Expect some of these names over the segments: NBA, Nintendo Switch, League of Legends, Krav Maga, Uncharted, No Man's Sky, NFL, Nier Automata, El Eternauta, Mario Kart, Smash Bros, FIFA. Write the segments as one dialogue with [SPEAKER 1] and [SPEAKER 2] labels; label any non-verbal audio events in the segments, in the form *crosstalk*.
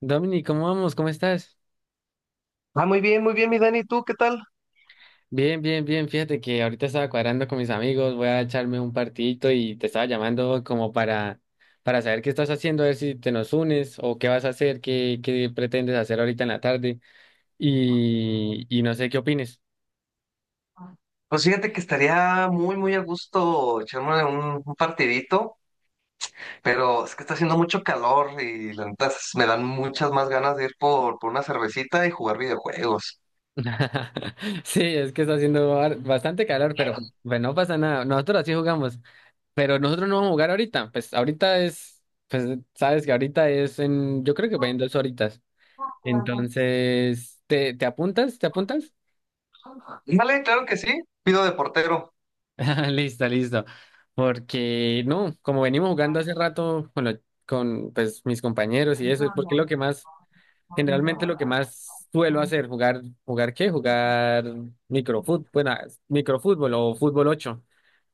[SPEAKER 1] Domini, ¿cómo vamos? ¿Cómo estás?
[SPEAKER 2] Ah, muy bien, mi Dani. ¿Tú qué tal?
[SPEAKER 1] Bien, bien, bien. Fíjate que ahorita estaba cuadrando con mis amigos, voy a echarme un partidito y te estaba llamando como para saber qué estás haciendo, a ver si te nos unes o qué vas a hacer, qué pretendes hacer ahorita en la tarde y no sé qué opines.
[SPEAKER 2] Pues fíjate que estaría muy a gusto echarme un partidito. Pero es que está haciendo mucho calor y la neta me dan muchas más ganas de ir por una cervecita y jugar videojuegos.
[SPEAKER 1] *laughs* Sí, es que está haciendo bastante calor, pero pues no pasa nada. Nosotros así jugamos, pero nosotros no vamos a jugar ahorita. Pues ahorita es, pues sabes que ahorita es en, yo creo que va en 2 horitas. Entonces, ¿te apuntas? ¿Te apuntas? *laughs*
[SPEAKER 2] Vale, claro que sí. Pido de portero.
[SPEAKER 1] Ah, listo, listo. Porque no, como venimos jugando hace rato con pues, mis compañeros y eso, porque es lo que más. Generalmente lo que más suelo hacer, jugar, ¿jugar qué? Jugar microfútbol, bueno, microfútbol o fútbol ocho,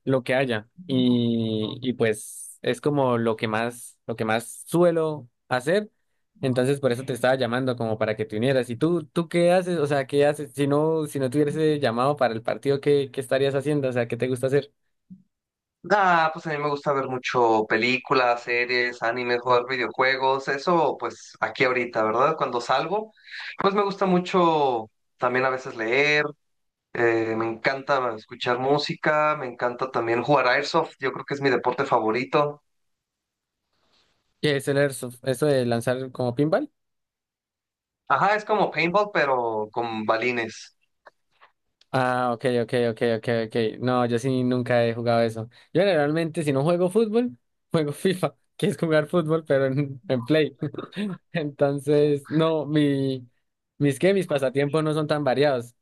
[SPEAKER 1] lo que haya. Y pues es como lo que más suelo hacer. Entonces por eso te estaba llamando como para que te unieras. ¿Y tú qué haces? O sea, ¿qué haces? Si no, si no tuvieras ese llamado para el partido, ¿qué estarías haciendo? O sea, ¿qué te gusta hacer?
[SPEAKER 2] Ah, pues a mí me gusta ver mucho películas, series, animes, jugar videojuegos, eso pues aquí ahorita, ¿verdad? Cuando salgo, pues me gusta mucho también a veces leer. Me encanta escuchar música, me encanta también jugar airsoft, yo creo que es mi deporte favorito.
[SPEAKER 1] ¿Qué es el airsoft? ¿Eso de lanzar como pinball?
[SPEAKER 2] Ajá, es como paintball, pero con balines.
[SPEAKER 1] Ah, ok, ok, ok, ok, ok. No, yo sí nunca he jugado eso. Yo generalmente, si no juego fútbol, *laughs* juego FIFA, que es jugar fútbol, pero en Play. *laughs* Entonces, no, mi, mis que mis pasatiempos no son tan variados.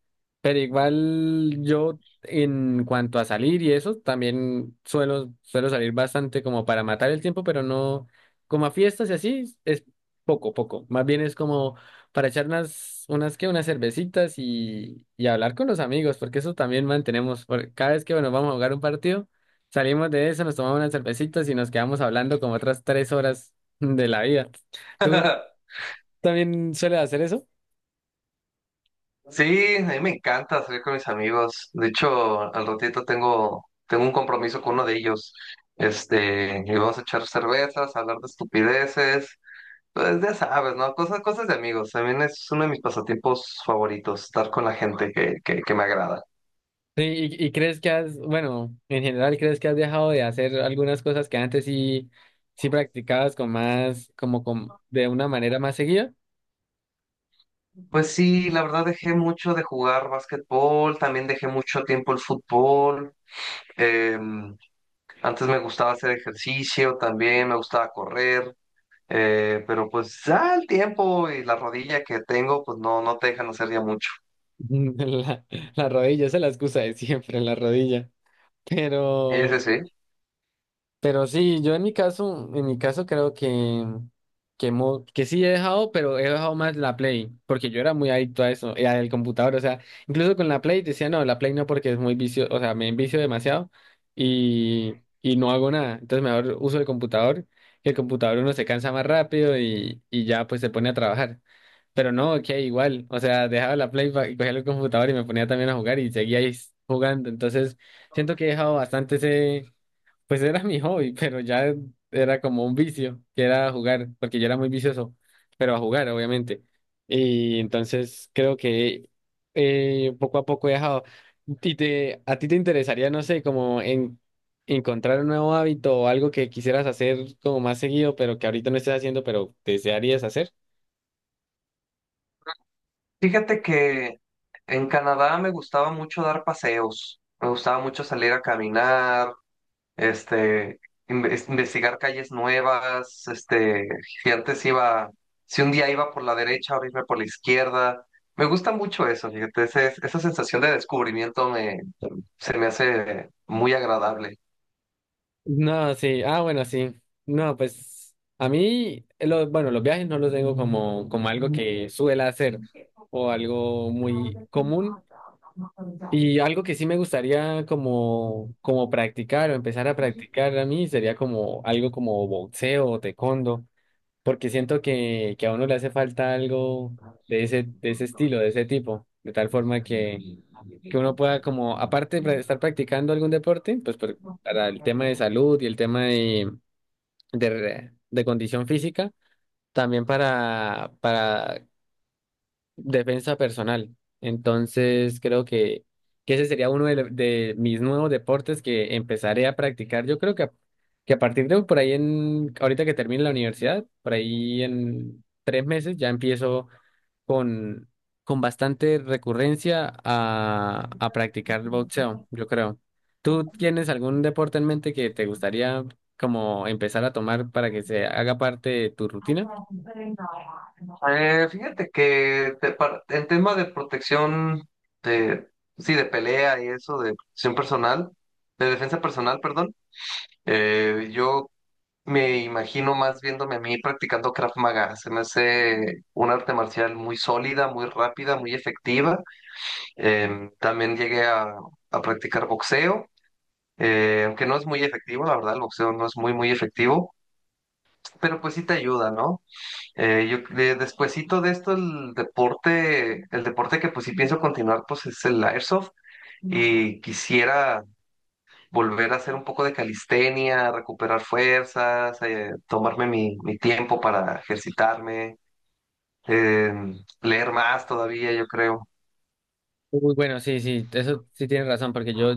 [SPEAKER 1] Pero igual yo, en cuanto a salir y eso, también suelo salir bastante como para matar el tiempo, pero no, como a fiestas y así, es poco, poco. Más bien es como para echar unas, unas, ¿qué? Unas cervecitas y hablar con los amigos, porque eso también mantenemos. Cada vez que, bueno, vamos a jugar un partido, salimos de eso, nos tomamos unas cervecitas y nos quedamos hablando como otras 3 horas de la vida. ¿Tú también sueles hacer eso?
[SPEAKER 2] Sí, a mí me encanta salir con mis amigos. De hecho, al ratito tengo un compromiso con uno de ellos. Este, y vamos a echar cervezas, hablar de estupideces. Pues ya sabes, ¿no? Cosas, cosas de amigos. También es uno de mis pasatiempos favoritos, estar con la gente que me agrada.
[SPEAKER 1] Sí, ¿y, y crees que has, bueno, en general, crees que has dejado de hacer algunas cosas que antes sí, sí practicabas con más, como con, de una manera más seguida?
[SPEAKER 2] Pues sí, la verdad dejé mucho de jugar básquetbol, también dejé mucho tiempo el fútbol. eh, Antes me gustaba hacer ejercicio también, me gustaba correr, pero pues ya el tiempo y la rodilla que tengo, pues no, no te dejan hacer ya mucho.
[SPEAKER 1] *laughs* La, la rodilla, esa es la excusa de siempre, la rodilla.
[SPEAKER 2] Ese
[SPEAKER 1] Pero...
[SPEAKER 2] sí. Sí.
[SPEAKER 1] Pero sí, yo en mi caso creo que sí he dejado, pero he dejado más la Play, porque yo era muy adicto a eso, y al computador, o sea, incluso con la Play decía, no, la Play no porque es muy vicio, o sea, me envicio demasiado y, y no hago nada, entonces mejor uso el computador, que el computador uno se cansa más rápido y ya pues se pone a trabajar. Pero no, que igual, o sea, dejaba la Play y cogía el computador y me ponía también a jugar y seguía ahí jugando. Entonces, siento que he dejado bastante ese, pues era mi hobby, pero ya era como un vicio, que era jugar, porque yo era muy vicioso, pero a jugar, obviamente. Y entonces creo que poco a poco he dejado. ¿Y a ti te interesaría, no sé, como en encontrar un nuevo hábito o algo que quisieras hacer como más seguido, pero que ahorita no estés haciendo, pero desearías hacer?
[SPEAKER 2] Fíjate que en Canadá me gustaba mucho dar paseos, me gustaba mucho salir a caminar, este, investigar calles nuevas, este, si antes iba, si un día iba por la derecha, ahora irme por la izquierda. Me gusta mucho eso, fíjate, esa sensación de descubrimiento se me hace muy agradable.
[SPEAKER 1] No, sí. Ah, bueno, sí. No, pues a mí, bueno, los viajes no los tengo como, como algo que suela hacer o algo muy común. Y algo que sí me gustaría como, como practicar o empezar a practicar a mí sería como algo como boxeo o taekwondo, porque siento que a uno le hace falta algo de ese estilo, de ese tipo, de tal forma que uno pueda como, aparte de estar practicando algún deporte, pues para el tema de salud y el tema de de, de condición física, también para defensa personal. Entonces, creo que ese sería uno de, de mis nuevos deportes que empezaré a practicar. Yo creo que a partir de por ahí, en, ahorita que termine la universidad, por ahí en 3 meses ya empiezo con, con bastante recurrencia a practicar boxeo, yo creo. ¿Tú tienes algún deporte en mente que te gustaría como empezar a tomar para que se haga parte de tu rutina?
[SPEAKER 2] Fíjate que en tema de protección, de, sí, de pelea y eso, de protección personal, de defensa personal, perdón, yo me imagino más viéndome a mí practicando Krav Maga. Se me hace un arte marcial muy sólida, muy rápida, muy efectiva. También a practicar boxeo, aunque no es muy efectivo, la verdad, el boxeo no es muy efectivo, pero pues sí te ayuda, ¿no? Yo despuesito de esto, el deporte que pues sí pienso continuar, pues es el Airsoft. Y quisiera volver a hacer un poco de calistenia, recuperar fuerzas, tomarme mi tiempo para ejercitarme, eh, leer más todavía, yo creo.
[SPEAKER 1] Uy, bueno, sí, sí, eso sí tienes razón, porque yo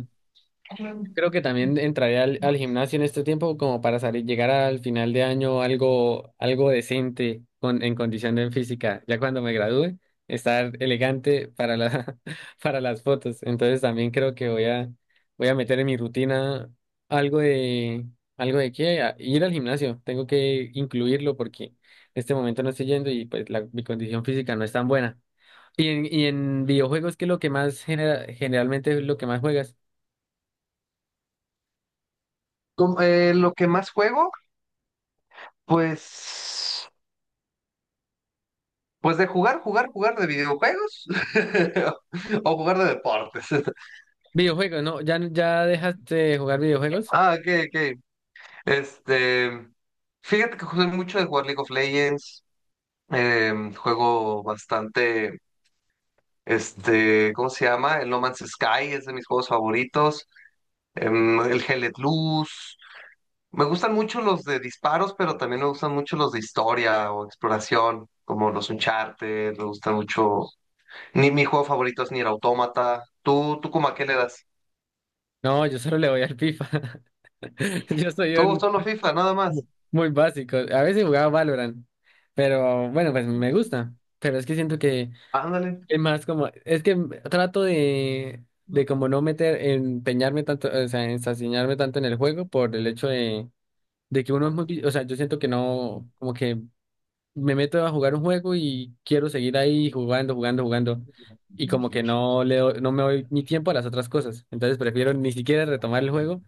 [SPEAKER 1] creo que también entraré al gimnasio en este tiempo como para salir, llegar al final de año algo, algo decente con, en condición de física. Ya cuando me gradúe, estar elegante para la, *laughs* para las fotos. Entonces también creo que voy a meter en mi rutina algo de, algo de ir al gimnasio. Tengo que incluirlo porque en este momento no estoy yendo y pues mi condición física no es tan buena. Y y en videojuegos, ¿qué es lo que más generalmente es lo que más juegas?
[SPEAKER 2] Lo que más juego, pues, pues de jugar, jugar, jugar de videojuegos *laughs* o jugar de deportes. *laughs*
[SPEAKER 1] Videojuegos, no, ya, ya dejaste de jugar videojuegos.
[SPEAKER 2] Ah, ok, ok. Este, fíjate que juego mucho de jugar League of Legends, juego bastante, este, ¿cómo se llama? El No Man's Sky es de mis juegos favoritos. El Hellet Luz. Me gustan mucho los de disparos, pero también me gustan mucho los de historia o exploración, como los Uncharted, me gustan mucho. Ni mi juego favorito es Nier Automata. ¿Tú como a qué le das?
[SPEAKER 1] No, yo solo le voy al FIFA. *laughs* Yo soy
[SPEAKER 2] Tú
[SPEAKER 1] un
[SPEAKER 2] solo FIFA, nada más.
[SPEAKER 1] muy básico. A veces jugaba Valorant, pero bueno, pues me gusta. Pero es que siento que
[SPEAKER 2] Ándale.
[SPEAKER 1] es más como, es que trato de como no meter, empeñarme tanto, o sea, ensañarme tanto en el juego por el hecho de que uno es muy, o sea, yo siento que no, como que me meto a jugar un juego y quiero seguir ahí jugando, jugando, jugando. Y como que no me doy mi tiempo a las otras cosas. Entonces prefiero ni siquiera retomar el juego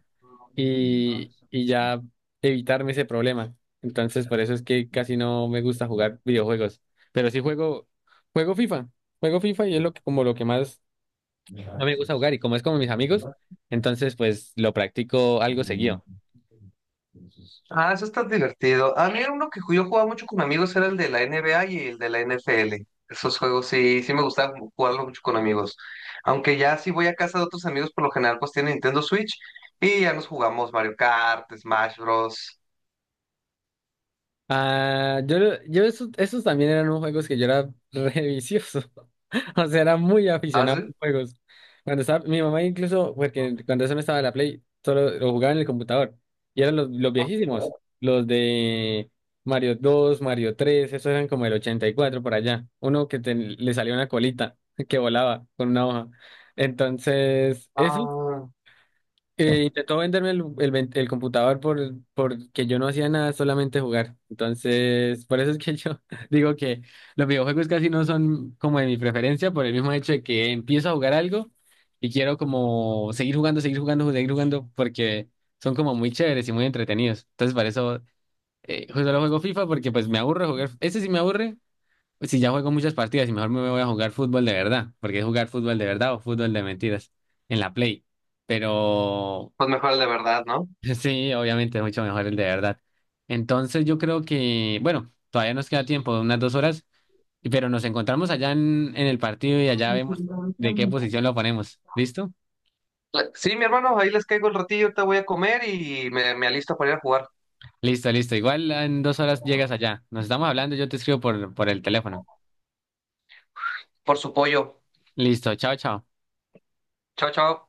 [SPEAKER 1] y ya evitarme ese problema. Entonces por eso es que casi no me gusta jugar videojuegos. Pero sí juego, juego FIFA. Juego FIFA y es lo que, como lo que más no me gusta jugar. Y como es como mis amigos, entonces pues lo practico algo seguido.
[SPEAKER 2] Ah, eso está divertido. A mí uno que yo jugaba mucho con amigos era el de la NBA y el de la NFL. Esos juegos sí me gustaba jugarlo mucho con amigos. Aunque ya si voy a casa de otros amigos, por lo general pues tienen Nintendo Switch y ya nos jugamos Mario Kart, Smash Bros.
[SPEAKER 1] Ah, yo esos también eran unos juegos que yo era re vicioso. *laughs* O sea, era muy
[SPEAKER 2] ¿Ah,
[SPEAKER 1] aficionado a
[SPEAKER 2] sí?
[SPEAKER 1] los juegos. Cuando estaba, mi mamá incluso, porque cuando eso no estaba en la Play, solo lo jugaba en el computador. Y eran los viejísimos, los de Mario 2, Mario 3, esos eran como el 84 por allá. Uno que le salió una colita *laughs* que volaba con una hoja. Entonces, eso
[SPEAKER 2] Ah,
[SPEAKER 1] intentó venderme el computador porque yo no hacía nada, solamente jugar. Entonces, por eso es que yo *laughs* digo que los videojuegos casi no son como de mi preferencia, por el mismo hecho de que empiezo a jugar algo y quiero como seguir jugando, seguir jugando, seguir jugando, porque son como muy chéveres y muy entretenidos. Entonces, para eso solo juego FIFA porque pues me aburre jugar. Ese sí me aburre, pues, si ya juego muchas partidas y mejor me voy a jugar fútbol de verdad, porque es jugar fútbol de verdad o fútbol de mentiras en la Play. Pero
[SPEAKER 2] pues mejor el de verdad, ¿no?
[SPEAKER 1] *laughs* sí, obviamente es mucho mejor el de verdad. Entonces yo creo que, bueno, todavía nos queda tiempo, unas 2 horas, pero nos encontramos allá en el partido y allá vemos de qué posición lo ponemos. ¿Listo?
[SPEAKER 2] Sí, mi hermano, ahí les caigo el ratillo, te voy a comer y me alisto para ir a jugar
[SPEAKER 1] Listo, listo. Igual en 2 horas llegas allá. Nos estamos hablando, yo te escribo por el teléfono.
[SPEAKER 2] por su pollo.
[SPEAKER 1] Listo, chao, chao.
[SPEAKER 2] Chao, chao.